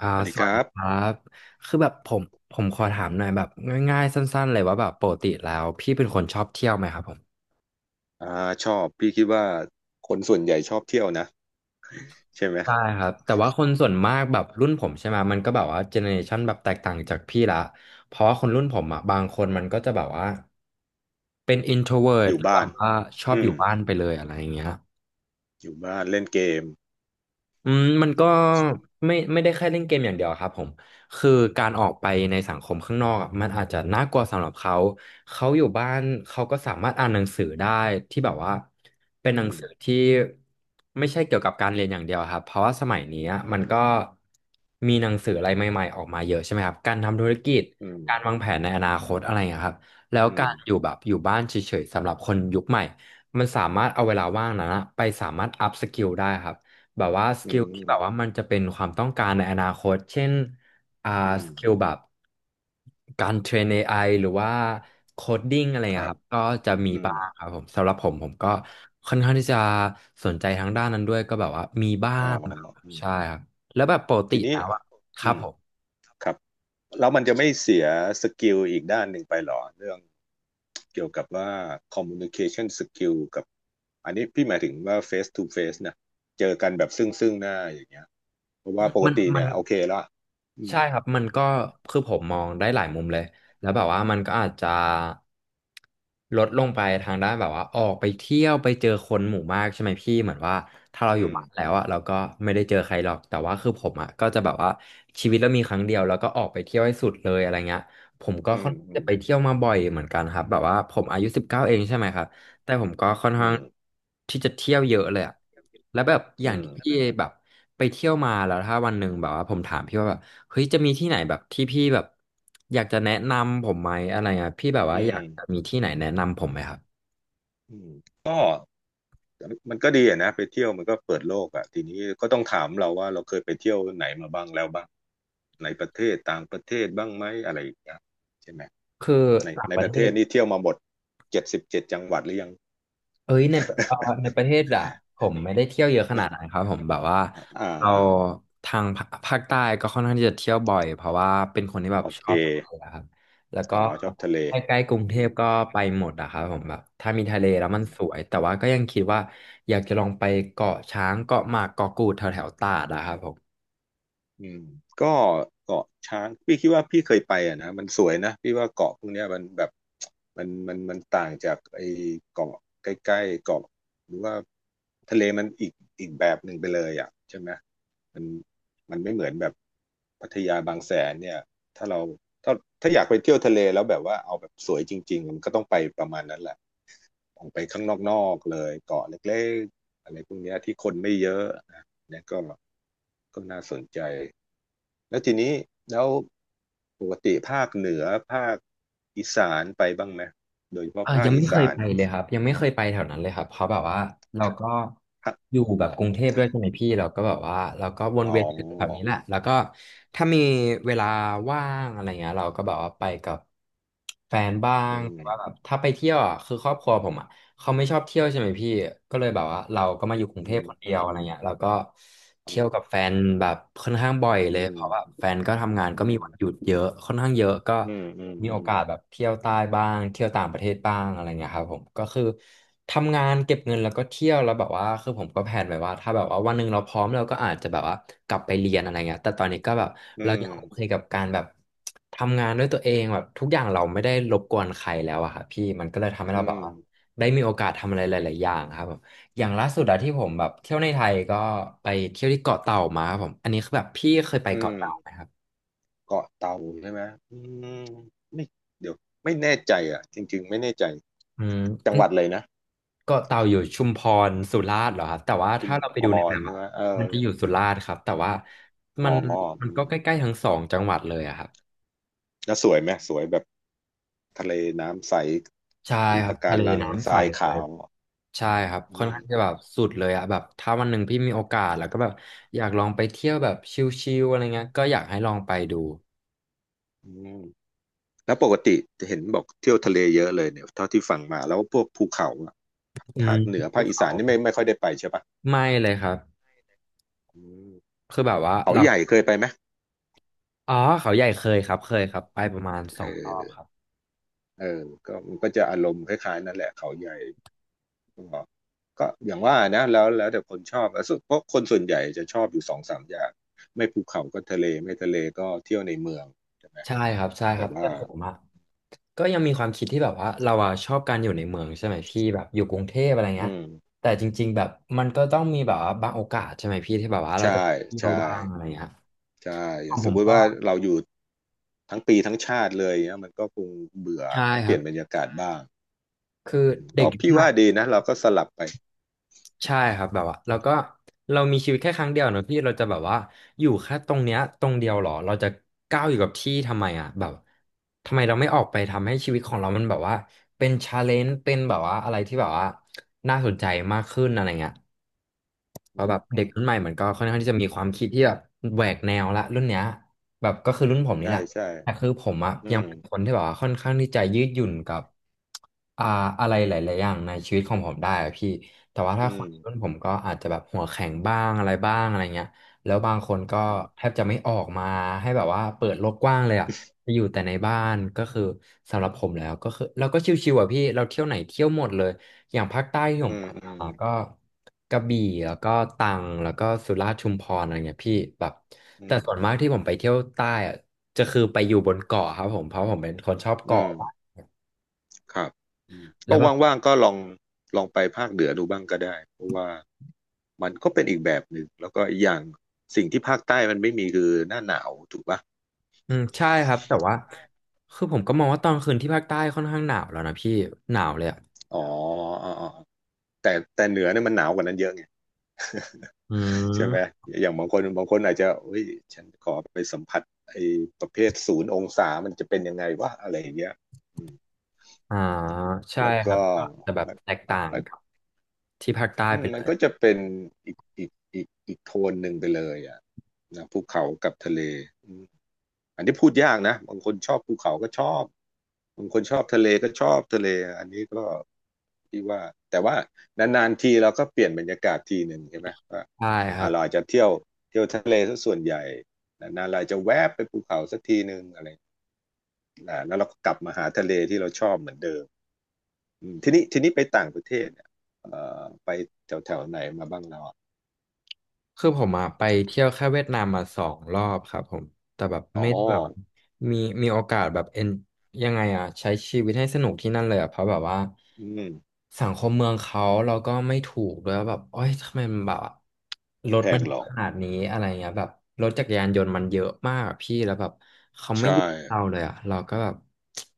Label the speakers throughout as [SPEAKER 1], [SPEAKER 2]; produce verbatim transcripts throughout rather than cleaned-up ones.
[SPEAKER 1] อ่า
[SPEAKER 2] สวัสดี
[SPEAKER 1] ส
[SPEAKER 2] ค
[SPEAKER 1] วัส
[SPEAKER 2] รั
[SPEAKER 1] ดี
[SPEAKER 2] บ
[SPEAKER 1] ครับคือแบบผมผมขอถามหน่อยแบบง่ายๆสั้นๆเลยว่าแบบปกติแล้วพี่เป็นคนชอบเที่ยวไหมครับผม
[SPEAKER 2] อ่าชอบพี่คิดว่าคนส่วนใหญ่ชอบเที่ยวนะใช่ไหม
[SPEAKER 1] ใช่ครับแต่ว่าคนส่วนมากแบบรุ่นผมใช่ไหมมันก็แบบว่าเจเนอเรชันแบบแตกต่างจากพี่ละเพราะว่าคนรุ่นผมอ่ะบางคนมันก็จะแบบว่าเป็น
[SPEAKER 2] อ
[SPEAKER 1] introvert
[SPEAKER 2] ยู่
[SPEAKER 1] หรือแบ
[SPEAKER 2] บ้าน
[SPEAKER 1] บว่าชอบ
[SPEAKER 2] อื
[SPEAKER 1] อ
[SPEAKER 2] ม
[SPEAKER 1] ยู่บ้านไปเลยอะไรอย่างเงี้ย
[SPEAKER 2] อยู่บ้านเล่นเกม
[SPEAKER 1] อืมมันก็ไม่ไม่ได้แค่เล่นเกมอย่างเดียวครับผมคือการออกไปในสังคมข้างนอกอะมันอาจจะน่ากลัวสำหรับเขาเขาอยู่บ้านเขาก็สามารถอ่านหนังสือได้ที่แบบว่าเป็นหนั
[SPEAKER 2] อื
[SPEAKER 1] ง
[SPEAKER 2] ม
[SPEAKER 1] สือที่ไม่ใช่เกี่ยวกับการเรียนอย่างเดียวครับเพราะว่าสมัยนี้อะมันก็มีหนังสืออะไรใหม่ๆออกมาเยอะใช่ไหมครับการทำธุรกิจ
[SPEAKER 2] อืม
[SPEAKER 1] การวางแผนในอนาคตอะไรอย่างเงี้ยครับแล้ว
[SPEAKER 2] อื
[SPEAKER 1] กา
[SPEAKER 2] ม
[SPEAKER 1] รอยู่แบบอยู่บ้านเฉยๆสำหรับคนยุคใหม่มันสามารถเอาเวลาว่างนั้นอะไปสามารถอัพสกิลได้ครับ แบบว่าส
[SPEAKER 2] อื
[SPEAKER 1] กิลที่แบบว่า
[SPEAKER 2] ม
[SPEAKER 1] มันจะเป็นความต้องการในอนาคต เช่นอ่า
[SPEAKER 2] อืม
[SPEAKER 1] สกิลแบบการเทรน เอ ไอ หรือว่าโคดดิ้งอะไร
[SPEAKER 2] ครั
[SPEAKER 1] อะค
[SPEAKER 2] บ
[SPEAKER 1] รับก็จะมี
[SPEAKER 2] อืม
[SPEAKER 1] บ้างครับผมสำหรับผมผมก็ค่อนข้างที่จะสนใจทางด้านนั้นด้วยก็แบบว่ามีบ้า
[SPEAKER 2] อ๋อ
[SPEAKER 1] งครับ
[SPEAKER 2] อืม
[SPEAKER 1] ใช่ครับแล้วแบบปกติ
[SPEAKER 2] ทีนี้
[SPEAKER 1] แล้วอะครั
[SPEAKER 2] อื
[SPEAKER 1] บ
[SPEAKER 2] ม
[SPEAKER 1] ผม
[SPEAKER 2] ครับแล้วมันจะไม่เสียสกิลอีกด้านหนึ่งไปหรอเรื่องเกี่ยวกับว่า communication skill กับอันนี้พี่หมายถึงว่า face to face นะเจอกันแบบซึ่งซึ่งหน้าอย่างเงี้ยเพราะว่าปก
[SPEAKER 1] มัน
[SPEAKER 2] ติ
[SPEAKER 1] มั
[SPEAKER 2] เนี่
[SPEAKER 1] น
[SPEAKER 2] ยโอเคละอืม
[SPEAKER 1] ใช่ครับมันก็คือผมมองได้หลายมุมเลยแล้วแบบว่ามันก็อาจจะลดลงไปทางด้านแบบว่าออกไปเที่ยวไปเจอคนหมู่มากใช่ไหมพี่เหมือนว่าถ้าเราอ
[SPEAKER 2] อื
[SPEAKER 1] ยู่
[SPEAKER 2] ม
[SPEAKER 1] บ้านแล้วอะเราก็ไม่ได้เจอใครหรอกแต่ว่าคือผมอะก็จะแบบว่าชีวิตเรามีครั้งเดียวแล้วก็ออกไปเที่ยวให้สุดเลยอะไรเงี้ยผมก็
[SPEAKER 2] อื
[SPEAKER 1] ค่อ
[SPEAKER 2] ม
[SPEAKER 1] นข้าง
[SPEAKER 2] อื
[SPEAKER 1] จะ
[SPEAKER 2] ม
[SPEAKER 1] ไปเที่ยวมาบ่อยเหมือนกันครับแบบว่าผมอายุสิบเก้าเองใช่ไหมครับแต่ผมก็ค่อน
[SPEAKER 2] อื
[SPEAKER 1] ข้าง
[SPEAKER 2] ม
[SPEAKER 1] ที่จะเที่ยวเยอะเลยอะแล้วแบบอ
[SPEAKER 2] อื
[SPEAKER 1] ย่าง
[SPEAKER 2] ม
[SPEAKER 1] ที่
[SPEAKER 2] แต่
[SPEAKER 1] พี่
[SPEAKER 2] แบบ
[SPEAKER 1] แบบไปเที่ยวมาแล้วถ้าวันหนึ่งแบบว่าผมถามพี่ว่าแบบ เฮ้ยจะมีที่ไหนแบบที่พี่แบบอยากจะแนะนำผมไหมอะไรอ่ะพี่แบบ
[SPEAKER 2] อื
[SPEAKER 1] ว่าอยาก
[SPEAKER 2] ม
[SPEAKER 1] จะมีที่ไหนแนะนำผมไหมครับ
[SPEAKER 2] อืมก็มันก็ดีอะนะไปเที่ยวมันก็เปิดโลกอ่ะทีนี้ก็ต้องถามเราว่าเราเคยไปเที่ยวไหนมาบ้างแล้วบ้างในประเทศต่างประเทศบ้างไหมอะไรอย่างเงี้ยใช่ไหม
[SPEAKER 1] คือ
[SPEAKER 2] ใน
[SPEAKER 1] ต่าง
[SPEAKER 2] ใน
[SPEAKER 1] ประ
[SPEAKER 2] ป
[SPEAKER 1] เท
[SPEAKER 2] ระเทศ
[SPEAKER 1] ศ
[SPEAKER 2] นี่เที่ยวมาหมดเจ็ดสิบเจ็ดจังหวัดหรือยัง
[SPEAKER 1] เอ้ยในเอ่อในประเทศอะผมไม่ได้เที่ยวเยอะขนาดนั้นครับผมแบบว่า
[SPEAKER 2] อ่า
[SPEAKER 1] เรา
[SPEAKER 2] อ่า
[SPEAKER 1] ทางภาภาคใต้ก็ค่อนข้างที่จะเที่ยวบ่อยเพราะว่าเป็นคนที่แบบ
[SPEAKER 2] โอ
[SPEAKER 1] ช
[SPEAKER 2] เค
[SPEAKER 1] อบทะเลอะครับแล้วก็
[SPEAKER 2] อ๋อชอบทะเล
[SPEAKER 1] ใกล้ๆกรุงเทพก็ไปหมดอะครับผมแบบถ้ามีทะเลแล้ว
[SPEAKER 2] อื
[SPEAKER 1] มัน
[SPEAKER 2] ม
[SPEAKER 1] สวยแต่ว่าก็ยังคิดว่าอยากจะลองไปเกาะช้างเกาะหมากเกาะกูดแถวๆตราดอะครับผม
[SPEAKER 2] อืมก็เกาะช้างพี่คิดว่าพี่เคยไปอ่ะนะมันสวยนะพี่ว่าเกาะพวกเนี้ยมันแบบมันมันมันต่างจากไอ้เกาะใกล้ๆเกาะหรือว่าทะเลมันอีกอีกแบบหนึ่งไปเลยอ่ะใช่ไหมมันมันไม่เหมือนแบบพัทยาบางแสนเนี่ยถ้าเราถ้าถ้าอยากไปเที่ยวทะเลแล้วแบบว่าเอาแบบสวยจริงๆมันก็ต้องไปประมาณนั้นแหละออกไปข้างนอกๆเลยเกาะเล็กๆอะไรพวกเนี้ยที่คนไม่เยอะนะเนี่ยก็ก็น่าสนใจ แล้วทีนี้แล้วปกติภาคเหนือภาคอีสานไปบ้างไหมโดยเฉพาะ
[SPEAKER 1] อ่า
[SPEAKER 2] ภา
[SPEAKER 1] ยั
[SPEAKER 2] ค
[SPEAKER 1] ง
[SPEAKER 2] อี
[SPEAKER 1] ไม่เคย
[SPEAKER 2] สาน
[SPEAKER 1] ไป
[SPEAKER 2] เนี่ย
[SPEAKER 1] เลยครับยังไม่เคยไปแถวนั้นเลยครับเพราะแบบว่าเราก็
[SPEAKER 2] ภาค
[SPEAKER 1] อยู่แบบกรุงเทพด้วยใช่ไหมพี่เราก็แบบว่าเราก็วน
[SPEAKER 2] อ๋
[SPEAKER 1] เวียนอยู่แถวนี้
[SPEAKER 2] อ
[SPEAKER 1] แหละแล้วก็ถ้ามีเวลาว่างอะไรเงี้ยเราก็แบบว่าไปกับแฟนบ้า
[SPEAKER 2] อื
[SPEAKER 1] งหรือว่าแบ
[SPEAKER 2] ม
[SPEAKER 1] บถ้าไปเที่ยวอ่ะคือครอบครัวผมอ่ะ เขาไม่ชอบเที่ยวใช่ไหมพี่ ก็เลยแบบว่าเราก็มาอยู่กรุง
[SPEAKER 2] อื
[SPEAKER 1] เทพ
[SPEAKER 2] ม
[SPEAKER 1] คนเดี
[SPEAKER 2] อื
[SPEAKER 1] ยวอะ
[SPEAKER 2] ม
[SPEAKER 1] ไรเงี้ยเราก็
[SPEAKER 2] อื
[SPEAKER 1] เที่ยว
[SPEAKER 2] ม
[SPEAKER 1] กับแฟนแบบค่อนข้างบ่อยเลย
[SPEAKER 2] อื
[SPEAKER 1] เพราะว่าแฟนก็ทำงานก็มีวันหยุ
[SPEAKER 2] ม
[SPEAKER 1] ดเยอะค่อนข้างเยอะก็
[SPEAKER 2] อืมอืม
[SPEAKER 1] มี
[SPEAKER 2] อื
[SPEAKER 1] โอ
[SPEAKER 2] ม
[SPEAKER 1] กาสแบบเที่ยวใต้บ้างเที่ยวต่างประเทศบ้างอะไรเงี้ยครับผมก็คือทำงานเก็บเงินแล้วก็เที่ยวแล้วแบบว่าคือผมก็แผนไว้ว่าถ้าแบบว่าวันหนึ่งเราพร้อมเราก็อาจจะแบบว่ากลับไปเรียนอะไรเงี้ยแต่ตอนนี้ก็แบบ
[SPEAKER 2] อื
[SPEAKER 1] เรา
[SPEAKER 2] ม
[SPEAKER 1] ยังโอเคกับการแบบทำงานด้วยตัวเองแบบทุกอย่างเราไม่ได้รบกวนใครแล้วอะค่ะพี่มันก็เลยทำให้
[SPEAKER 2] อื
[SPEAKER 1] เราแบบว่า
[SPEAKER 2] ม
[SPEAKER 1] ได้มีโอกาสทำอะไรหลายๆอย่างครับผมอย่างล่าสุดอะที่ผมแบบเที่ยวในไทยก็ไปเที่ยวที่เกาะเต่ามาครับผมอันนี้คือแบบพี่เคยไป
[SPEAKER 2] อื
[SPEAKER 1] เกาะ
[SPEAKER 2] ม
[SPEAKER 1] เต่าไหมครับ
[SPEAKER 2] เกาะเต่าใช่ไหมอืมไม่เดี๋ยวไม่แน่ใจอ่ะจริงๆไม่แน่ใจ
[SPEAKER 1] อืม
[SPEAKER 2] จั
[SPEAKER 1] อั
[SPEAKER 2] งห
[SPEAKER 1] น
[SPEAKER 2] วัดเลยนะ
[SPEAKER 1] เกาะเต่าอยู่ชุมพรสุราษฎร์เหรอครับแต่ว่า
[SPEAKER 2] ชุม
[SPEAKER 1] ถ้าเราไป
[SPEAKER 2] พ
[SPEAKER 1] ดูในแม
[SPEAKER 2] ร
[SPEAKER 1] ป
[SPEAKER 2] ใช่
[SPEAKER 1] อะ
[SPEAKER 2] ไหมเอ
[SPEAKER 1] มั
[SPEAKER 2] อ
[SPEAKER 1] นจะอยู่สุราษฎร์ครับแต่ว่ามั
[SPEAKER 2] อ๋อ
[SPEAKER 1] นมัน
[SPEAKER 2] อื
[SPEAKER 1] ก็
[SPEAKER 2] ม
[SPEAKER 1] ใกล้ๆทั้งสองจังหวัดเลยอะครับ
[SPEAKER 2] แล้วสวยไหมสวยแบบ ทะเลน้ำใส
[SPEAKER 1] ใช่
[SPEAKER 2] มี
[SPEAKER 1] ครับ
[SPEAKER 2] ปะกา
[SPEAKER 1] ทะเล
[SPEAKER 2] รังท
[SPEAKER 1] น้ำใส
[SPEAKER 2] ราย
[SPEAKER 1] เล
[SPEAKER 2] ขา
[SPEAKER 1] ย
[SPEAKER 2] ว
[SPEAKER 1] ใช่ครับค่
[SPEAKER 2] อื
[SPEAKER 1] อน
[SPEAKER 2] ม
[SPEAKER 1] ข้างจะแบบสุดเลยอะแบบถ้าวันหนึ่งพี่มีโอกาสแล้วก็แบบอยากลองไปเที่ยวแบบชิลๆอะไรเงี้ยก็อยากให้ลองไปดู
[SPEAKER 2] อืมแล้วปกติจะเห็นบอกเที่ยวทะเลเยอะเลยเนี่ยเท่าที่ฟังมาแล้วพวกภูเขาอะ
[SPEAKER 1] อืม
[SPEAKER 2] ภาคเหนือ
[SPEAKER 1] ภู
[SPEAKER 2] ภาคอี
[SPEAKER 1] เขา
[SPEAKER 2] สานนี่ไม่ไม่ค่อยได้ไปใช่ปะ
[SPEAKER 1] ไม่เลยครับ
[SPEAKER 2] อืม
[SPEAKER 1] คือแบบว่า
[SPEAKER 2] เขา
[SPEAKER 1] เรา
[SPEAKER 2] ใหญ่เคยไปไหม
[SPEAKER 1] อ๋อเขาใหญ่เคยครับเคยครับไปประมาณส
[SPEAKER 2] เ
[SPEAKER 1] องรอบค
[SPEAKER 2] ออ
[SPEAKER 1] รับ
[SPEAKER 2] เออก็มันก็จะอารมณ์คล้ายๆนั่นแหละเขาใหญ่ก็ก็อย่างว่านะแล้วแล้วแต่คนชอบแล้วสุดเพราะคนส่วนใหญ่จะชอบอยู่สองสามอย่างไม่ภูเขาก็ทะเลไม่ทะเลก็เที่ยวในเมือง
[SPEAKER 1] ใช่ครับใช่ค
[SPEAKER 2] แต่
[SPEAKER 1] รับแต่
[SPEAKER 2] ว่า
[SPEAKER 1] ผมอะก็ยังมีความคิดที่แบบว่าเราอะชอบการอยู่ในเมืองใช่ไหมพี่แบบอยู่กรุงเทพอะไร
[SPEAKER 2] อื
[SPEAKER 1] เงี้ย
[SPEAKER 2] ม
[SPEAKER 1] แต่จริงๆแบบมันก็ต้องมีแบบว่าบางโอกาสใช่ไหมพี่ที่แบบว่าเราจะ
[SPEAKER 2] ใช่
[SPEAKER 1] เที่ยว
[SPEAKER 2] ใช่
[SPEAKER 1] บ้างอะไรเงี้ย
[SPEAKER 2] ใช่อ
[SPEAKER 1] ข
[SPEAKER 2] ย่า
[SPEAKER 1] อ
[SPEAKER 2] ง
[SPEAKER 1] ง
[SPEAKER 2] ส
[SPEAKER 1] ผ
[SPEAKER 2] ม
[SPEAKER 1] ม
[SPEAKER 2] มุติ
[SPEAKER 1] ก็
[SPEAKER 2] ว่าเราอยู่ทั้งปีทั้งชาติเลยเนี่ยมันก็คงเบื่อ
[SPEAKER 1] ใช่
[SPEAKER 2] ต้อง
[SPEAKER 1] ค
[SPEAKER 2] เป
[SPEAKER 1] รั
[SPEAKER 2] ลี่
[SPEAKER 1] บ
[SPEAKER 2] ยนบรรยากาศบ้าง
[SPEAKER 1] คือ
[SPEAKER 2] อืม
[SPEAKER 1] เด็ก
[SPEAKER 2] ก็
[SPEAKER 1] ยุค
[SPEAKER 2] พี่
[SPEAKER 1] ใหม่
[SPEAKER 2] ว่าดีนะเราก็สลับไป
[SPEAKER 1] ใช่ครับแบบว่าเราก็เรามีชีวิตแค่ครั้งเดียวเนอะพี่เราจะแบบว่าอยู่แค่ตรงเนี้ยตรงเดียวหรอเราจะก้าวอยู่กับที่ทำไมอ่ะแบบทำไมเราไม่ออกไปทำให้ชีวิตของเรามันแบบว่าเป็นชาเลนจ์เป็นแบบว่าอะไรที่แบบว่าน่าสนใจมากขึ้นอะไรเงี้ย เพ
[SPEAKER 2] อื
[SPEAKER 1] ราะ
[SPEAKER 2] ม
[SPEAKER 1] แบบ
[SPEAKER 2] อื
[SPEAKER 1] เด็ก
[SPEAKER 2] ม
[SPEAKER 1] รุ่นใหม่เหมือนก็ค่อนข้างที่จะมีความคิดที่แบบแหวกแนวละรุ่นเนี้ยแบบก็คือรุ่นผมนี่
[SPEAKER 2] ใช่
[SPEAKER 1] แหละ
[SPEAKER 2] ใช่
[SPEAKER 1] แต่คือผมอะ
[SPEAKER 2] อื
[SPEAKER 1] ยัง
[SPEAKER 2] ม
[SPEAKER 1] เป็นคนที่แบบว่าค่อนข้างที่จะยืดหยุ่นกับอ่าอะไรหลายๆอย่างในชีวิตของผมได้อะพี่แต่ว่าถ้า
[SPEAKER 2] อื
[SPEAKER 1] คนรุ่น
[SPEAKER 2] ม
[SPEAKER 1] ผมก็อาจจะแบบหัวแข็งบ้างอะไรบ้างอะไรเงี้ยแล้วบางคนก็
[SPEAKER 2] อื
[SPEAKER 1] แท
[SPEAKER 2] ม
[SPEAKER 1] บจะไม่ออกมาให้แบบว่าเปิดโลกกว้างเลยอะจะอยู่แต่ในบ้านก็คือสำหรับผมแล้วก็คือเราก็ชิวๆอะพี่เราเที่ยวไหนเที่ยวหมดเลยอย่างภาคใต้ที่ผ
[SPEAKER 2] อื
[SPEAKER 1] มไป
[SPEAKER 2] มอืม
[SPEAKER 1] มาก็ กระบี่แล้วก็ตรังแล้วก็สุราษฎร์ชุมพรอะไรเงี้ยพี่แบบ
[SPEAKER 2] อื
[SPEAKER 1] แต่
[SPEAKER 2] ม
[SPEAKER 1] ส่วนมากที่ผมไปเที่ยวใต้อะจะคือไปอยู่บนเกาะครับผมเพราะผมเป็นคนชอบ
[SPEAKER 2] อื
[SPEAKER 1] เกาะ
[SPEAKER 2] มครับอืม
[SPEAKER 1] แล้
[SPEAKER 2] ก็
[SPEAKER 1] วแบบ
[SPEAKER 2] ว่างๆก็ลองลองไปภาคเหนือดูบ้างก็ได้เพราะว่ามันก็เป็นอีกแบบหนึ่งแล้วก็อีกอย่างสิ่งที่ภาคใต้มันไม่มีคือหน้าหนาวถูกปะ
[SPEAKER 1] อืมใช่ครับแต่ว่าคือผมก็มองว่าตอนคืนที่ภาคใต้ค่อนข้างหนาวแล้วนะพี่หนาวเลยอ่ะ
[SPEAKER 2] อ๋ออ๋ออ๋อแต่แต่เหนือเนี่ยมันหนาวกว่านั้นเยอะไง
[SPEAKER 1] อื
[SPEAKER 2] ใช่ไหม
[SPEAKER 1] ม
[SPEAKER 2] อย่างบางคนบางคนอาจจะเฮ้ยฉันขอไปสัมผัสไอ้ประเภทศูนย์องศามันจะเป็นยังไงวะอะไรอย่างเงี้ยอืม
[SPEAKER 1] อ่าใช่
[SPEAKER 2] แล้ว
[SPEAKER 1] ครับ
[SPEAKER 2] ก็
[SPEAKER 1] ก็จะแบบ
[SPEAKER 2] มัน
[SPEAKER 1] แตก
[SPEAKER 2] มั
[SPEAKER 1] ต่า
[SPEAKER 2] น
[SPEAKER 1] ง
[SPEAKER 2] มัน
[SPEAKER 1] กับที่ภาคใต้
[SPEAKER 2] อื
[SPEAKER 1] ไป
[SPEAKER 2] ม
[SPEAKER 1] เล
[SPEAKER 2] มัน
[SPEAKER 1] ย
[SPEAKER 2] ก็จะเป็นอีกอีกอีกอีกโทนหนึ่งไปเลยอ่ะนะภูเขากับทะเล อันนี้พูดยากนะบางคนชอบภูเขาก็ชอบบางคนชอบทะเลก็ชอบทะเลอันนี้ก็ที่ว่าแต่ว่านานๆทีเราก็เปลี่ยนบรรยากาศทีหนึ่งใช่ไหมว่า
[SPEAKER 1] ใช่ครั
[SPEAKER 2] อ่า
[SPEAKER 1] บ
[SPEAKER 2] เราอาจจะเที่ยวเที่ยวทะเลซะส่วนใหญ่นานๆเราจะแวบไปภูเขาสักทีหนึ่งอะไรนะแล้วเราก็กลับมาหาทะเลที่เราชอบเหมือนเดิมอืมทีนี้ทีนี้ไปต่างประเทศเนี่ยเอ่อไปแถวๆไหนมาบ้างเราอะ
[SPEAKER 1] คือผมอะไปเที่ยวแค่เวียดนามมาสองรอบครับผมแต่แบบ
[SPEAKER 2] อ๋อ
[SPEAKER 1] ไม่ได้แบบมีมีโอกาสแบบเอ็นยังไงอ่ะใช้ชีวิตให้สนุกที่นั่นเลยอ่ะเพราะแบบว่า
[SPEAKER 2] อืม
[SPEAKER 1] สังคมเมืองเขาเราก็ไม่ถูกด้วยว่าแบบโอ้ยทำไมมันแบบรถ
[SPEAKER 2] แพ
[SPEAKER 1] มัน
[SPEAKER 2] งเห
[SPEAKER 1] เย
[SPEAKER 2] รอ
[SPEAKER 1] อะขนาดนี้อะไรเงี้ยแบบรถจักรยานยนต์มันเยอะมากอะพี่แล้วแบบเขาไม่หยุ
[SPEAKER 2] ใช่
[SPEAKER 1] ดเราเลยอ่ะเราก็แบบ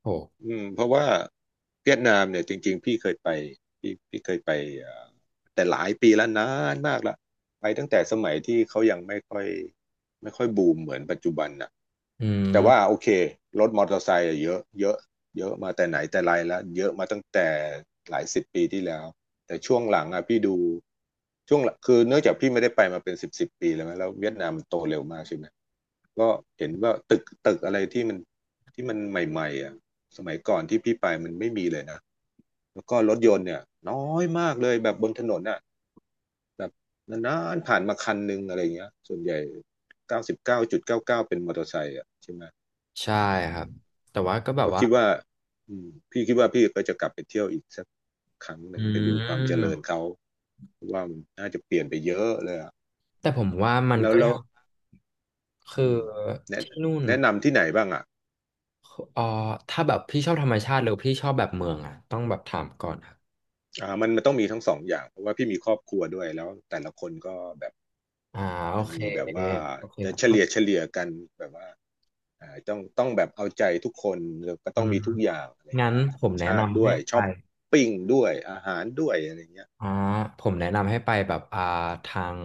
[SPEAKER 1] โห
[SPEAKER 2] อืมเพราะว่าเวียดนามเนี่ยจริงๆพี่เคยไปพี่พี่เคยไปเอ่อแต่หลายปีแล้วนานมากละไปตั้งแต่สมัยที่เขายังไม่ค่อยไม่ค่อยบูมเหมือนปัจจุบันน่ะ
[SPEAKER 1] อืม
[SPEAKER 2] แต่ว่าโอเครถมอเตอร์ไซค์อะเยอะเยอะเยอะมาแต่ไหนแต่ไรแล้วเยอะมาตั้งแต่หลายสิบปีที่แล้วแต่ช่วงหลังอ่ะพี่ดูช่วงหลังคือเนื่องจากพี่ไม่ได้ไปมาเป็นสิบสิบปีแล้วมั้ยแล้วเวียดนามมันโตเร็วมากใช่ไหมก็เห็นว่าตึกตึกอะไรที่มันที่มันใหม่ๆอ่ะ สมัยก่อนที่พี่ไปมันไม่มีเลยนะแล้วก็รถยนต์เนี่ยน้อยมากเลยแบบบนถนนอ่ะแบบนานๆผ่านมาคันหนึ่งอะไรเงี้ยส่วนใหญ่เก้าสิบเก้าจุดเก้าเก้าเป็นมอเตอร์ไซค์อ่ะใช่ไหม
[SPEAKER 1] ใช่ครับแต่ว่าก็แบบ
[SPEAKER 2] ก็
[SPEAKER 1] ว่า
[SPEAKER 2] คิดว่าอืมพี่คิดว่าพี่ก็จะกลับไปเที่ยวอีกสักครั้งห
[SPEAKER 1] อื
[SPEAKER 2] นึ่งไปดูความเจริญ
[SPEAKER 1] ม
[SPEAKER 2] เขาเพราะว่ามันน่าจะเปลี่ยนไปเยอะเลยอ่ะ
[SPEAKER 1] แต่ผมว่ามัน
[SPEAKER 2] แล้ว
[SPEAKER 1] ก็
[SPEAKER 2] แล้
[SPEAKER 1] ยั
[SPEAKER 2] ว
[SPEAKER 1] งคือ
[SPEAKER 2] อืมแนะ
[SPEAKER 1] ที่นู่น
[SPEAKER 2] แนะนำที่ไหนบ้างอ่ะ
[SPEAKER 1] เอ่อถ้าแบบพี่ชอบธรรมชาติหรือพี่ชอบแบบเมืองอ่ะต้องแบบถามก่อนครับ
[SPEAKER 2] อ่ามันมันต้องมีทั้งสองอย่างเพราะว่าพี่มีครอบครัวด้วยแล้วแต่ละคนก็แบบ
[SPEAKER 1] อ่าโอ
[SPEAKER 2] จะ
[SPEAKER 1] เค
[SPEAKER 2] มีแบบว่า
[SPEAKER 1] โอเค
[SPEAKER 2] จะ
[SPEAKER 1] ครับ
[SPEAKER 2] เฉ
[SPEAKER 1] เข้า
[SPEAKER 2] ลี่ยเฉลี่ยกันแบบว่าเอ่อต้องต้องแบบเอาใจทุกคนแล้วก็
[SPEAKER 1] อื
[SPEAKER 2] ต้อง
[SPEAKER 1] ม
[SPEAKER 2] มีทุกอย่างอะไร
[SPEAKER 1] งั้น
[SPEAKER 2] เงี้ยธร
[SPEAKER 1] ผ
[SPEAKER 2] รม
[SPEAKER 1] มแนะ
[SPEAKER 2] ชาติ
[SPEAKER 1] นำ
[SPEAKER 2] ด้
[SPEAKER 1] ให้
[SPEAKER 2] วย
[SPEAKER 1] ไป
[SPEAKER 2] ช้อปปิ้งด้วยอาหารด้วยอะไรเงี้ย
[SPEAKER 1] อ่าผมแนะนำให้ไปแบบอ่าทาง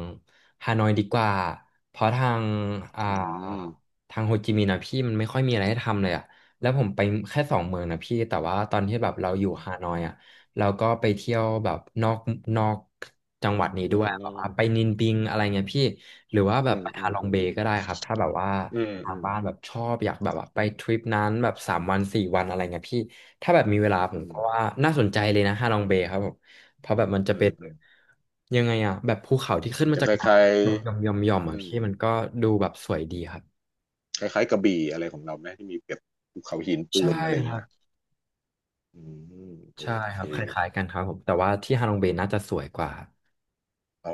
[SPEAKER 1] ฮานอยดีกว่าเพราะทางอ่า
[SPEAKER 2] อืม
[SPEAKER 1] ทางโฮจิมินห์นะพี่มันไม่ค่อยมีอะไรให้ทำเลยอะแล้วผมไปแค่สองเมืองนะพี่แต่ว่าตอนที่แบบเราอยู่ฮานอยอะเราก็ไปเที่ยวแบบนอกนอกจังหวัดนี้
[SPEAKER 2] อื
[SPEAKER 1] ด้วย
[SPEAKER 2] ม
[SPEAKER 1] แบบว่าไปนินบิงอะไรเงี้ยพี่หรือว่าแบ
[SPEAKER 2] อื
[SPEAKER 1] บ
[SPEAKER 2] ม
[SPEAKER 1] ไป
[SPEAKER 2] อื
[SPEAKER 1] ฮา
[SPEAKER 2] ม
[SPEAKER 1] ลอง
[SPEAKER 2] อื
[SPEAKER 1] เบ
[SPEAKER 2] ม
[SPEAKER 1] ย์ก็ได้ครับถ้าแบบว่า
[SPEAKER 2] อืม
[SPEAKER 1] ทา
[SPEAKER 2] อื
[SPEAKER 1] ง
[SPEAKER 2] ม
[SPEAKER 1] บ้านแบบชอบอยากแบบว่าไปทริปนั้นแบบสามวันสี่วันอะไรเงี้ยพี่ถ้าแบบมีเวลาผ
[SPEAKER 2] อื
[SPEAKER 1] ม
[SPEAKER 2] ม
[SPEAKER 1] ก็ว่าน่าสนใจเลยนะฮาลองเบย์ครับผม เพราะแบบมันจะ
[SPEAKER 2] อื
[SPEAKER 1] เป็
[SPEAKER 2] ม
[SPEAKER 1] น
[SPEAKER 2] อืม
[SPEAKER 1] ยังไงอะแบบภูเขาที่ขึ้น
[SPEAKER 2] มัน
[SPEAKER 1] มา
[SPEAKER 2] จะ
[SPEAKER 1] จาก
[SPEAKER 2] คล้าย
[SPEAKER 1] น้ำหย่อมหย่อมหย่อม
[SPEAKER 2] ๆ
[SPEAKER 1] หย่อมอะ
[SPEAKER 2] อืม
[SPEAKER 1] พี่มันก็ดูแบบสวยดีครับ
[SPEAKER 2] คล้ายๆกระบี่อะไรของเราไหมที่มีแบบภูเขาหินปู
[SPEAKER 1] ใช่
[SPEAKER 2] นอะไรอ
[SPEAKER 1] ค
[SPEAKER 2] งเงี้
[SPEAKER 1] รับ
[SPEAKER 2] ยอืมโอ
[SPEAKER 1] ใช่ค
[SPEAKER 2] เค
[SPEAKER 1] รับคล้ายๆกันครับผมแต่ว่าที่ฮาลองเบย์น่าจะสวยกว่า
[SPEAKER 2] อ๋อ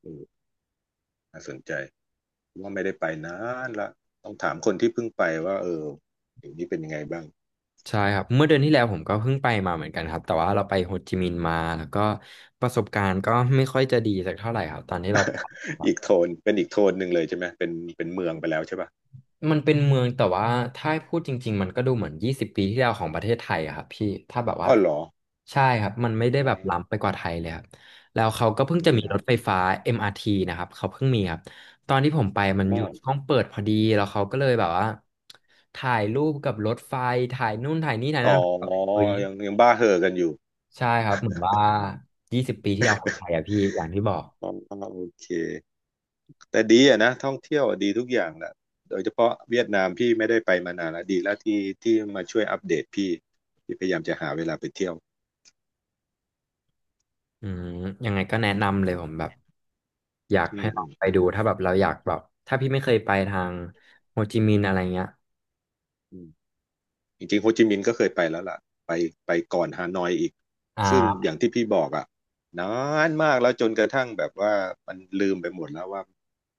[SPEAKER 2] เออน่าสนใจ ว่าไม่ได้ไปนานละต้องถามคนที่เพิ่งไปว่าเอออย่างนี้เป็นยังไงบ้าง
[SPEAKER 1] ใช่ครับเมื่อเดือนที่แล้วผมก็เพิ่งไปมาเหมือนกันครับแต่ว่าเราไปโฮจิมินห์มาแล้วก็ประสบการณ์ก็ไม่ค่อยจะดีสักเท่าไหร่ครับตอนที่เรา
[SPEAKER 2] อีกโทนเป็นอีกโทนหนึ่งเลยใช่ไหมเป็นเป็นเมืองไปแล้วใช่ป่ะ
[SPEAKER 1] มันเป็นเมืองแต่ว่าถ้าให้พูดจริงๆมันก็ดูเหมือนยี่สิบปีที่แล้วของประเทศไทยอะครับพี่ถ้าแบบว่า
[SPEAKER 2] อ้อเหรอ
[SPEAKER 1] ใช่ครับมันไม่ได้แบ
[SPEAKER 2] ใช่
[SPEAKER 1] บ
[SPEAKER 2] ครับ
[SPEAKER 1] ล้ำไปกว่าไทยเลยครับแล้วเขาก็เพิ่
[SPEAKER 2] อื
[SPEAKER 1] งจะมีรถไฟ
[SPEAKER 2] ม
[SPEAKER 1] ฟ้า เอ็ม อาร์ ที นะครับเขาเพิ่งมีครับตอนที่ผมไปมันอยู่ช่วงเปิดพอดีแล้วเขาก็เลยแบบว่าถ่ายรูปกับรถไฟถ่ายนู่นถ่ายนี่ถ่าย
[SPEAKER 2] อ๋
[SPEAKER 1] นั่น
[SPEAKER 2] อ
[SPEAKER 1] แบบ
[SPEAKER 2] อ๋อ
[SPEAKER 1] เฮ้ย
[SPEAKER 2] ยังยังบ้าเห่อกันอยู่
[SPEAKER 1] ใช่ครับเหมือนว่ายี่สิบปีที่แล้วของไทยอะ พี่อย่างที่บอก
[SPEAKER 2] อ๋อโอเคแต่ดีอะนะท่องเที่ยวอะดีทุกอย่างแหละโดยเฉพาะเวียดนามพี่ไม่ได้ไปมานานแล้วดีแล้วที่ที่มาช่วยอัปเดตพี่พี่พยายามจะหาเวลาไปเที่ยว
[SPEAKER 1] อืมยังไงก็แนะนำเลยผมแบบอยาก
[SPEAKER 2] อื
[SPEAKER 1] ให้
[SPEAKER 2] ม
[SPEAKER 1] ล
[SPEAKER 2] อื
[SPEAKER 1] องไปดู
[SPEAKER 2] ม
[SPEAKER 1] ถ้าแบบเราอยากแบบถ้าพี่ไม่เคยไปทางโฮจิมินห์อะไรเงี้ย
[SPEAKER 2] อืม จริงๆโฮจิมินห์ก็เคยไปแล้วล่ะไปไปก่อนฮานอยอีก
[SPEAKER 1] อ่
[SPEAKER 2] ซึ่งอ
[SPEAKER 1] า
[SPEAKER 2] ย่างที่พี่บอกอ่ะนานมากแล้วจนกระทั่งแบบว่ามันลืมไปหมดแล้วว่า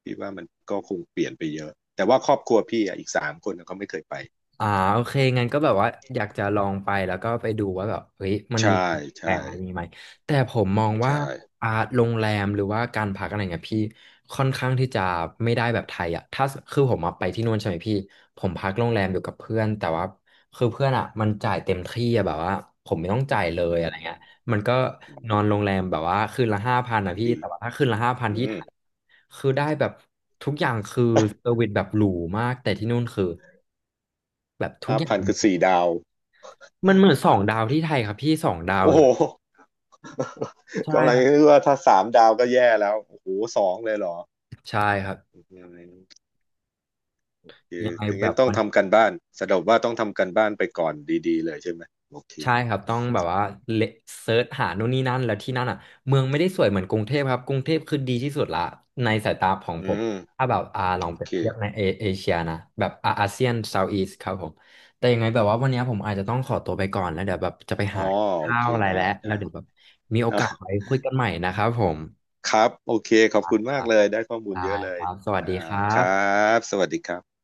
[SPEAKER 2] พี่ว่ามันก็คงเปลี่ยนไปเยอะแต่ว่าครอบครัวพี่อ่ะอีกสามคนน่ะเขาไม่เคยไป
[SPEAKER 1] อ่าโอเคงั้นก็แบบว่าอยากจะลองไปแล้วก็ไปดูว่าแบบเฮ้ยมันมี
[SPEAKER 2] ใช่
[SPEAKER 1] ความแพ
[SPEAKER 2] ใช่
[SPEAKER 1] งอะไรอย่างงี้ไหมแต่ผมมองว่า
[SPEAKER 2] ใช่
[SPEAKER 1] อ่าโรงแรมหรือว่าการพักอะไรเงี้ยพี่ค่อนข้างที่จะไม่ได้แบบไทยอ่ะถ้าคือผมมาไปที่นู่นใช่ไหมพี่ผมพักโรงแรมอยู่กับเพื่อนแต่ว่าคือเพื่อนอ่ะมันจ่ายเต็มที่อะแบบว่าผมไม่ต้องจ่ายเลย
[SPEAKER 2] อื
[SPEAKER 1] อะไรเงี้ย
[SPEAKER 2] ม
[SPEAKER 1] มันก็นอนโรงแรมแบบว่าคืนละห้าพันนะพี่
[SPEAKER 2] ดี
[SPEAKER 1] แต่ว่าถ้าคืนละห้าพัน
[SPEAKER 2] อื
[SPEAKER 1] ที่ไท
[SPEAKER 2] ม
[SPEAKER 1] ยคือได้แบบทุกอย่างคือเซอร์วิสแบบหรูมากแต่ที่นู่นคือแบบทุก
[SPEAKER 2] ห้า
[SPEAKER 1] อย่าง
[SPEAKER 2] พันคือสี่ดาว
[SPEAKER 1] มันเหมือนสองดาวที่ไทยครับพี่สองดาว
[SPEAKER 2] โอ้
[SPEAKER 1] เล
[SPEAKER 2] โห
[SPEAKER 1] ยใช่
[SPEAKER 2] กำลัง
[SPEAKER 1] ครั
[SPEAKER 2] คิ
[SPEAKER 1] บ
[SPEAKER 2] ดว่าถ้าสามดาวก็แย่แล้วโอ้โหสองเลยเหรอ
[SPEAKER 1] ใช่ครับ
[SPEAKER 2] คือ
[SPEAKER 1] ยังไง
[SPEAKER 2] ถึง
[SPEAKER 1] แบ
[SPEAKER 2] งั้
[SPEAKER 1] บ
[SPEAKER 2] นต้อง
[SPEAKER 1] มัน
[SPEAKER 2] ทำกันบ้านสรุปว่าต้องทำกันบ้านไปก่อนดีๆเลยใช่ไหม โอเค
[SPEAKER 1] ใช่ครับต้องแบบว่าเลเซิร์ชหาโน่นนี่นั่นแล้วที่นั่นอ่ะเมืองไม่ได้สวยเหมือนกรุงเทพครับกรุงเทพคือดีที่สุดละในสายตาของ
[SPEAKER 2] อื
[SPEAKER 1] ผม
[SPEAKER 2] ม
[SPEAKER 1] ถ้าแบบอ่าลอ
[SPEAKER 2] โอ
[SPEAKER 1] งเปรีย
[SPEAKER 2] เค
[SPEAKER 1] บเทียบในเอเอเชียนะแบบอาอาเซียนเซาท์อีสครับผมแต่ยังไงแบบว่าวันนี้ผมอาจจะต้องขอตัวไปก่อนแล้วเดี๋ยวแบบจะไป
[SPEAKER 2] อ๋อ
[SPEAKER 1] หา
[SPEAKER 2] โอ
[SPEAKER 1] ข้า
[SPEAKER 2] เค
[SPEAKER 1] วอะไร
[SPEAKER 2] ได้
[SPEAKER 1] แล้วแล้
[SPEAKER 2] ได้
[SPEAKER 1] วเดี๋ยวแบบมีโอ
[SPEAKER 2] อ่ะ
[SPEAKER 1] กาสไว้คุยกันใหม่นะครับผม
[SPEAKER 2] ครับ โอเค ขอบคุณ
[SPEAKER 1] ค
[SPEAKER 2] มา
[SPEAKER 1] รั
[SPEAKER 2] ก
[SPEAKER 1] บ
[SPEAKER 2] เลย ได้ข้อมูล
[SPEAKER 1] ได้
[SPEAKER 2] เยอะเล
[SPEAKER 1] ค
[SPEAKER 2] ย
[SPEAKER 1] รับสวัส
[SPEAKER 2] อ่า
[SPEAKER 1] ดีครั
[SPEAKER 2] ครั
[SPEAKER 1] บ
[SPEAKER 2] บ สวัสดีครับ